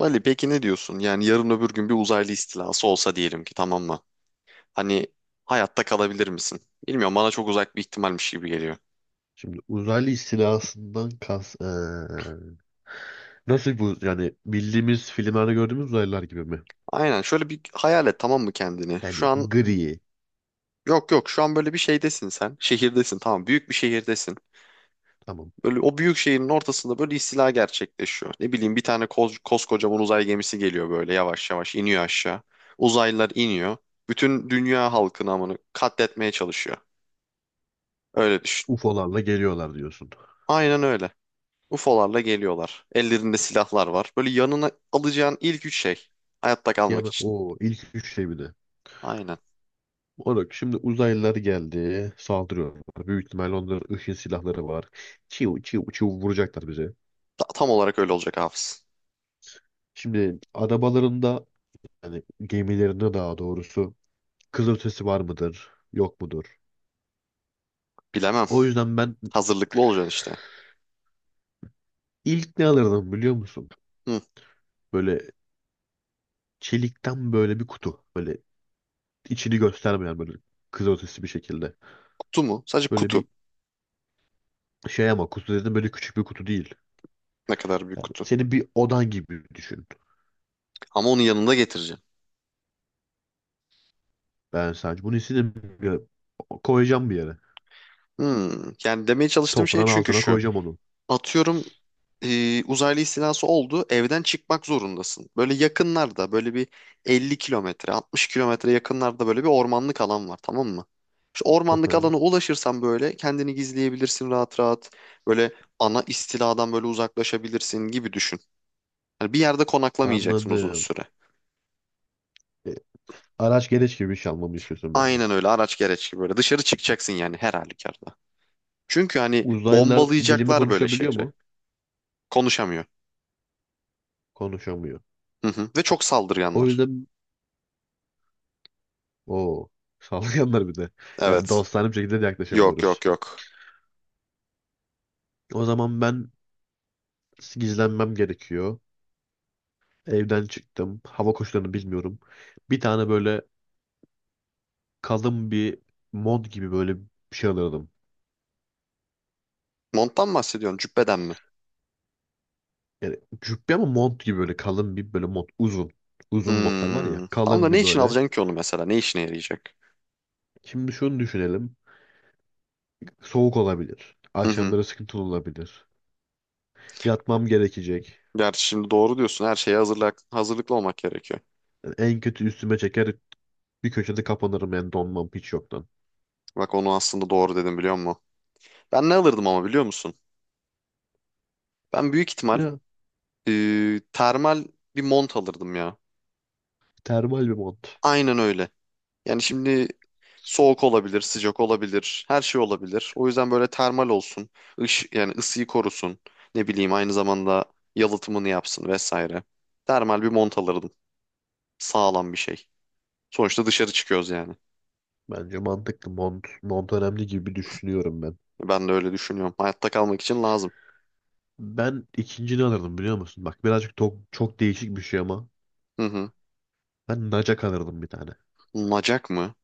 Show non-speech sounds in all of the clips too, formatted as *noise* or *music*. Ali peki ne diyorsun? Yani yarın öbür gün bir uzaylı istilası olsa diyelim ki tamam mı? Hani hayatta kalabilir misin? Bilmiyorum, bana çok uzak bir ihtimalmiş gibi geliyor. Şimdi uzaylı istilasından kas nasıl bu, yani bildiğimiz filmlerde gördüğümüz uzaylılar gibi mi? Aynen, şöyle bir hayal et tamam mı kendini? Şu Yani an gri. yok yok Şu an böyle bir şeydesin sen. Şehirdesin, tamam, büyük bir şehirdesin. Tamam, Böyle o büyük şehrin ortasında böyle istila gerçekleşiyor. Ne bileyim, bir tane koskocaman uzay gemisi geliyor, böyle yavaş yavaş iniyor aşağı. Uzaylılar iniyor. Bütün dünya halkını amını katletmeye çalışıyor. Öyle düşün. UFO'larla geliyorlar diyorsun. Aynen öyle. UFO'larla geliyorlar. Ellerinde silahlar var. Böyle yanına alacağın ilk üç şey. Hayatta kalmak Yani için. o ilk üç şey bir de. Aynen. Olarak şimdi uzaylılar geldi, saldırıyorlar. Büyük ihtimalle onların ışın silahları var. Çiu çiu çiu vuracaklar bize. Tam olarak öyle olacak Hafız. Şimdi arabalarında, yani gemilerinde daha doğrusu, kızılötesi var mıdır yok mudur? Bilemem. O yüzden ben Hazırlıklı olacaksın işte. ilk ne alırdım biliyor musun? Hı, Böyle çelikten böyle bir kutu. Böyle içini göstermeyen, böyle kızılötesi bir şekilde. kutu mu? Sadece Böyle kutu. bir şey, ama kutu dedim, böyle küçük bir kutu değil. Ne kadar büyük Yani kutu. senin bir odan gibi düşün. Ama onu yanında getireceksin. Ben sadece bunu istedim. Ya, koyacağım bir yere. Yani demeye çalıştığım şey Toprağın çünkü altına şu. koyacağım onu. Atıyorum, uzaylı istilası oldu. Evden çıkmak zorundasın. Böyle yakınlarda böyle bir 50 kilometre 60 kilometre yakınlarda böyle bir ormanlık alan var tamam mı? İşte *laughs* ormanlık Hı. alana ulaşırsan böyle kendini gizleyebilirsin rahat rahat. Böyle ana istiladan böyle uzaklaşabilirsin gibi düşün. Yani bir yerde konaklamayacaksın uzun Anladım. süre. E, araç gereç gibi bir şey almamı istiyorsun benden. Aynen öyle, araç gereç gibi böyle dışarı çıkacaksın yani her halükarda. Çünkü hani Uzaylılar dilimi bombalayacaklar böyle konuşabiliyor şehri. mu? Konuşamıyor. Konuşamıyor. Hı hı. Ve çok O saldırganlar. yüzden o saldırganlar *laughs* bir de. Yani Evet. dostane bir şekilde de Yok yaklaşamıyoruz. yok yok. O zaman ben gizlenmem gerekiyor. Evden çıktım. Hava koşullarını bilmiyorum. Bir tane böyle kalın bir mont gibi böyle bir şey alıyordum. Monttan mı bahsediyorsun? Cübbeden mi? Yani cübbe ama mont gibi, böyle kalın bir böyle mont. Uzun. Uzun montlar var ya. Hmm. Tamam da Kalın ne bir için böyle. alacaksın ki onu mesela? Ne işine yarayacak? Şimdi şunu düşünelim. Soğuk olabilir. Hı hı. Akşamları sıkıntılı olabilir. Yatmam gerekecek. Gerçi şimdi doğru diyorsun. Her şeye hazırlıklı olmak gerekiyor. Yani en kötü üstüme çeker, bir köşede kapanırım, yani donmam hiç yoktan. Bak onu aslında doğru dedim biliyor musun? Ben ne alırdım ama biliyor musun? Ben büyük ihtimal Ya, termal bir mont alırdım ya. termal bir mont. Aynen öyle. Yani şimdi soğuk olabilir, sıcak olabilir, her şey olabilir. O yüzden böyle termal olsun, yani ısıyı korusun, ne bileyim aynı zamanda yalıtımını yapsın vesaire. Termal bir mont alırdım, sağlam bir şey. Sonuçta dışarı çıkıyoruz yani. Bence mantıklı mont. Mont önemli gibi düşünüyorum ben. Ben de öyle düşünüyorum. Hayatta kalmak için lazım. Ben ikincini alırdım biliyor musun? Bak birazcık çok, çok değişik bir şey ama. Hı hı. Ben nacak alırdım bir tane. Nacak mı?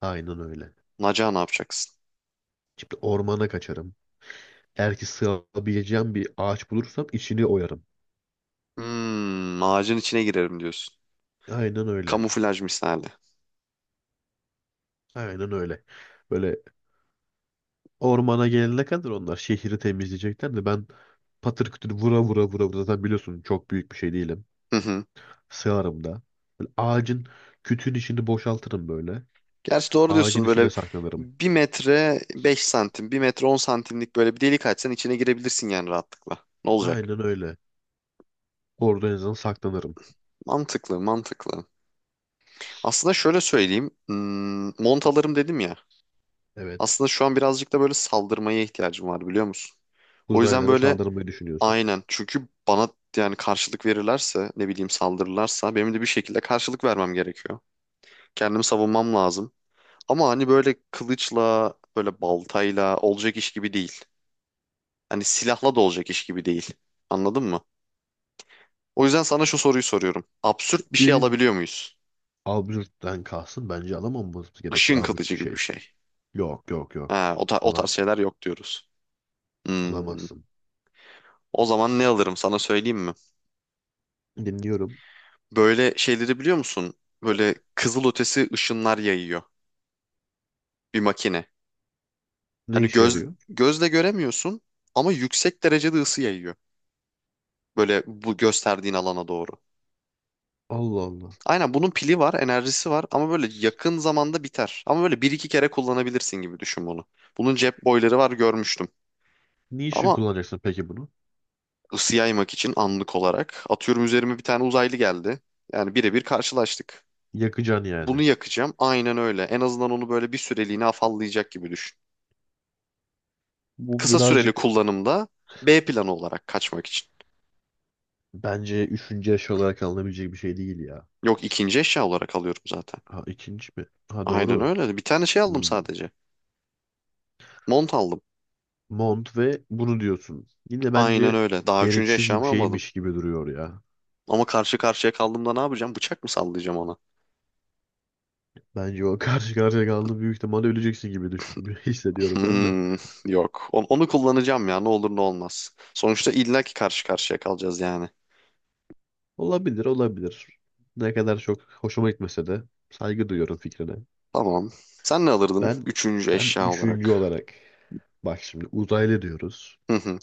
Aynen öyle. Nacağı ne yapacaksın? Şimdi ormana kaçarım. Eğer ki sığabileceğim bir ağaç bulursam içini oyarım. Ağacın içine girerim diyorsun. Aynen öyle. Kamuflaj misali. Aynen öyle. Böyle ormana gelene kadar onlar şehri temizleyecekler de ben patır kütür vura vura vura vura, zaten biliyorsun çok büyük bir şey değilim. Hı hı. Sığarım da. Böyle ağacın, kütüğün içini boşaltırım böyle. Gerçi doğru Ağacın diyorsun, içine böyle saklanırım. 1 metre 5 santim, 1 metre 10 santimlik böyle bir delik açsan içine girebilirsin yani rahatlıkla. Ne olacak? Aynen öyle. Orada en azından saklanırım. Mantıklı, mantıklı. Aslında şöyle söyleyeyim. Mont dedim ya. Evet. Aslında şu an birazcık da böyle saldırmaya ihtiyacım var biliyor musun? O yüzden Uzaylara böyle, saldırmayı düşünüyorsun. aynen. Çünkü bana yani karşılık verirlerse, ne bileyim saldırırlarsa, benim de bir şekilde karşılık vermem gerekiyor. Kendimi savunmam lazım. Ama hani böyle kılıçla böyle baltayla olacak iş gibi değil. Hani silahla da olacak iş gibi değil. Anladın mı? O yüzden sana şu soruyu soruyorum. Absürt bir şey Diğeri alabiliyor muyuz? absürtten kalsın. Bence alamamamız Işın gerekiyor absürt kılıcı bir gibi bir şey. şey. Yok, yok, yok. Ha, o, o Alam tarz şeyler yok diyoruz. Hmm. Alamazsın. O zaman ne alırım sana söyleyeyim mi? Dinliyorum. Böyle şeyleri biliyor musun? Böyle kızılötesi ışınlar yayıyor bir makine. Ne Hani işe göz yarıyor? gözle göremiyorsun ama yüksek derecede ısı yayıyor. Böyle bu gösterdiğin alana doğru. Allah Allah. Aynen, bunun pili var, enerjisi var ama böyle yakın zamanda biter. Ama böyle bir iki kere kullanabilirsin gibi düşün bunu. Bunun cep boyları var, görmüştüm. Ne için Ama kullanacaksın peki bunu? ısı yaymak için anlık olarak, atıyorum, üzerime bir tane uzaylı geldi. Yani birebir karşılaştık. Yakacaksın Bunu yani. yakacağım. Aynen öyle. En azından onu böyle bir süreliğine afallayacak gibi düşün. Bu Kısa süreli birazcık, kullanımda, B planı olarak kaçmak için. bence üçüncü yaş olarak alınabilecek bir şey değil ya. Yok, ikinci eşya olarak alıyorum zaten. Ha, ikinci mi? Ha Aynen doğru. öyle. Bir tane şey aldım Hmm. sadece. Mont aldım. Mont ve bunu diyorsun. Yine Aynen bence öyle. Daha üçüncü gereksiz eşyamı gibi, almadım. şeymiş gibi duruyor ya. Ama karşı karşıya kaldığımda ne yapacağım? Bıçak mı sallayacağım ona? Bence o karşı karşıya kaldı, büyük ihtimalle öleceksin gibi düşün, *laughs* hissediyorum ben de. Hmm, yok. On- Onu, kullanacağım ya. Ne olur ne olmaz. Sonuçta illaki karşı karşıya kalacağız yani. Olabilir, olabilir. Ne kadar çok hoşuma gitmese de saygı duyuyorum fikrine. Tamam. Sen ne alırdın? Ben Üçüncü ben eşya üçüncü olarak. olarak, bak şimdi uzaylı diyoruz. Hı hı.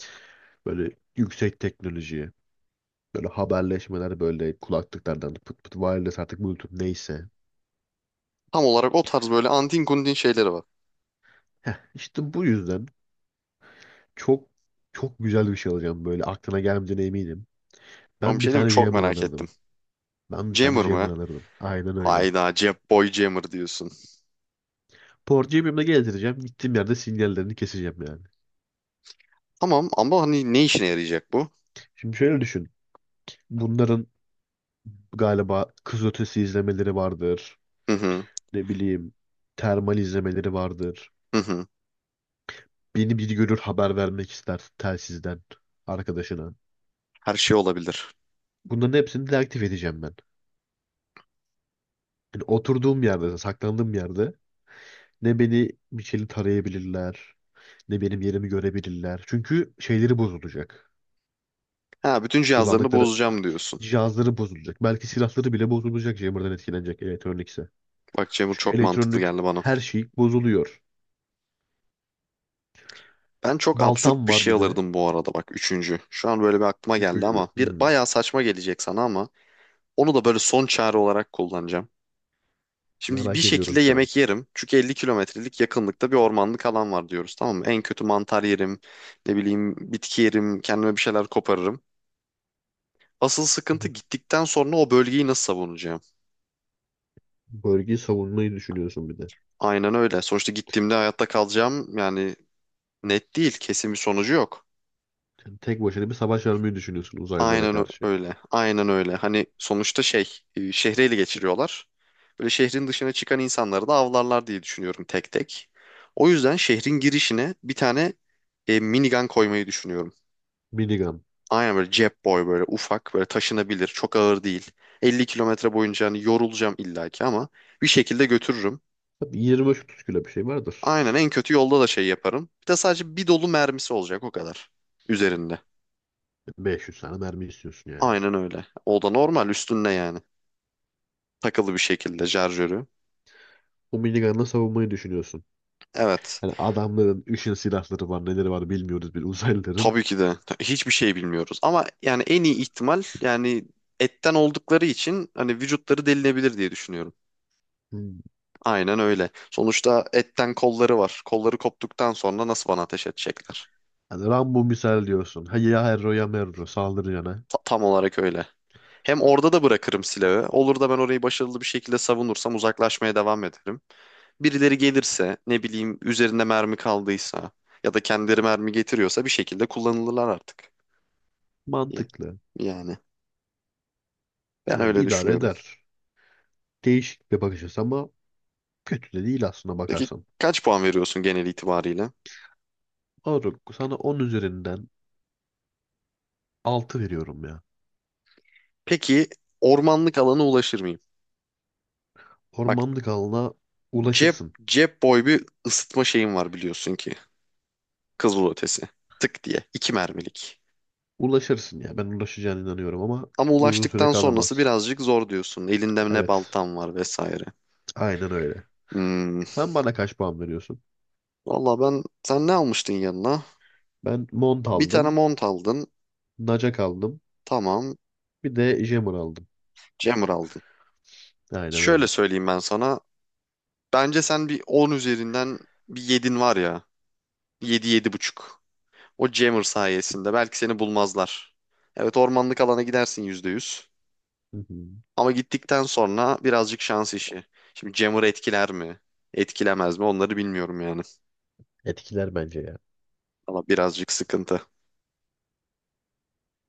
Böyle yüksek teknolojiye, böyle haberleşmeler, böyle kulaklıklardan pıt pıt wireless artık Bluetooth neyse. Tam olarak o tarz böyle antin kuntin şeyleri var. Heh, işte bu yüzden çok çok güzel bir şey alacağım, böyle aklına gelmeyeceğine eminim. Ben bir Ben bir şey diyeyim mi? tane Çok jammer merak ettim. alırdım. Ben bir tane Jammer jammer mı? alırdım. Aynen öyle. Hayda, Jap Boy Jammer diyorsun. Porcuyu benimle gezdireceğim. Gittiğim yerde sinyallerini keseceğim yani. Tamam ama hani ne işine yarayacak bu? Şimdi şöyle düşün. Bunların galiba kızılötesi izlemeleri vardır. Hı hı. Ne bileyim, termal izlemeleri vardır. Hı hı. Beni bir görür, haber vermek ister telsizden arkadaşına. Her şey olabilir. Bunların hepsini deaktif edeceğim ben. Yani oturduğum yerde, saklandığım yerde, ne beni bir şeyle tarayabilirler, ne benim yerimi görebilirler. Çünkü şeyleri bozulacak. Ha, bütün cihazlarını Kullandıkları bozacağım diyorsun. cihazları bozulacak. Belki silahları bile bozulacak, Jammer'dan etkilenecek elektronikse. Bak, Jammer Çünkü çok mantıklı elektronik geldi bana. her şey bozuluyor. Ben çok absürt Baltam bir var şey bir de. alırdım bu arada bak, üçüncü. Şu an böyle bir aklıma geldi ama Üçüncü. bir Hmm, bayağı saçma gelecek sana, ama onu da böyle son çare olarak kullanacağım. Şimdi bir merak şekilde ediyorum şu an. yemek yerim. Çünkü 50 kilometrelik yakınlıkta bir ormanlık alan var diyoruz tamam mı? En kötü mantar yerim, ne bileyim bitki yerim, kendime bir şeyler koparırım. Asıl sıkıntı, gittikten sonra o bölgeyi nasıl savunacağım? Bölgeyi savunmayı düşünüyorsun bir de. Aynen öyle. Sonuçta gittiğimde hayatta kalacağım yani net değil, kesin bir sonucu yok. Yani tek başına bir savaş vermeyi düşünüyorsun uzaylılara Aynen ö- karşı. öyle. Aynen öyle. Hani sonuçta şey, şehri ele geçiriyorlar. Böyle şehrin dışına çıkan insanları da avlarlar diye düşünüyorum, tek tek. O yüzden şehrin girişine bir tane minigun koymayı düşünüyorum. Minigun. Aynen böyle cep boy, böyle ufak, böyle taşınabilir, çok ağır değil. 50 kilometre boyunca hani yorulacağım illaki ama bir şekilde götürürüm. Tabii 25-30 kilo bir şey vardır. Aynen, en kötü yolda da şey yaparım. Bir de sadece bir dolu mermisi olacak o kadar üzerinde. 500 tane mermi istiyorsun yani. Aynen öyle. O da normal üstünde yani. Takılı bir şekilde şarjörü. O minigunla savunmayı düşünüyorsun. Evet. Yani adamların ışın silahları var, neleri var bilmiyoruz bir uzaylıların. Tabii ki de. Hiçbir şey bilmiyoruz. Ama yani en iyi ihtimal yani etten oldukları için hani vücutları delinebilir diye düşünüyorum. Hmm. Aynen öyle. Sonuçta etten kolları var. Kolları koptuktan sonra nasıl bana ateş edecekler? Yani Rambo misal diyorsun. Ha ya Herro ya Merro saldırı yana. Tam olarak öyle. Hem orada da bırakırım silahı. Olur da ben orayı başarılı bir şekilde savunursam, uzaklaşmaya devam ederim. Birileri gelirse, ne bileyim üzerinde mermi kaldıysa ya da kendileri mermi getiriyorsa, bir şekilde kullanılırlar artık. Ya- Mantıklı. Yani ben Yani öyle idare düşünüyorum. eder. Değişik bir bakış açısı ama kötü de değil aslında Peki bakarsan. kaç puan veriyorsun genel itibariyle? Moruk, sana 10 üzerinden 6 veriyorum ya. Peki ormanlık alana ulaşır mıyım? Bak, Ormanlık alana cep ulaşırsın. cep boy bir ısıtma şeyim var biliyorsun ki. Kızılötesi. Tık diye. 2 mermilik. Ulaşırsın ya. Ben ulaşacağına inanıyorum ama Ama uzun süre ulaştıktan sonrası kalamaz. birazcık zor diyorsun. Elinde ne Evet. baltan var vesaire. Aynen öyle. Hmm. Sen bana kaç puan veriyorsun? Valla ben, sen ne almıştın yanına? Ben mont Bir tane aldım. mont aldın. Naca aldım. Tamam. Bir de jammer aldım. Jammer aldın. Aynen Şöyle öyle. söyleyeyim ben sana. Bence sen bir 10 üzerinden bir yedin var ya. Yedi, 7,5. O jammer sayesinde belki seni bulmazlar. Evet, ormanlık alana gidersin %100. Hı hı. Ama gittikten sonra birazcık şans işi. Şimdi jammer etkiler mi? Etkilemez mi? Onları bilmiyorum yani. Etkiler bence ya. Ama birazcık sıkıntı.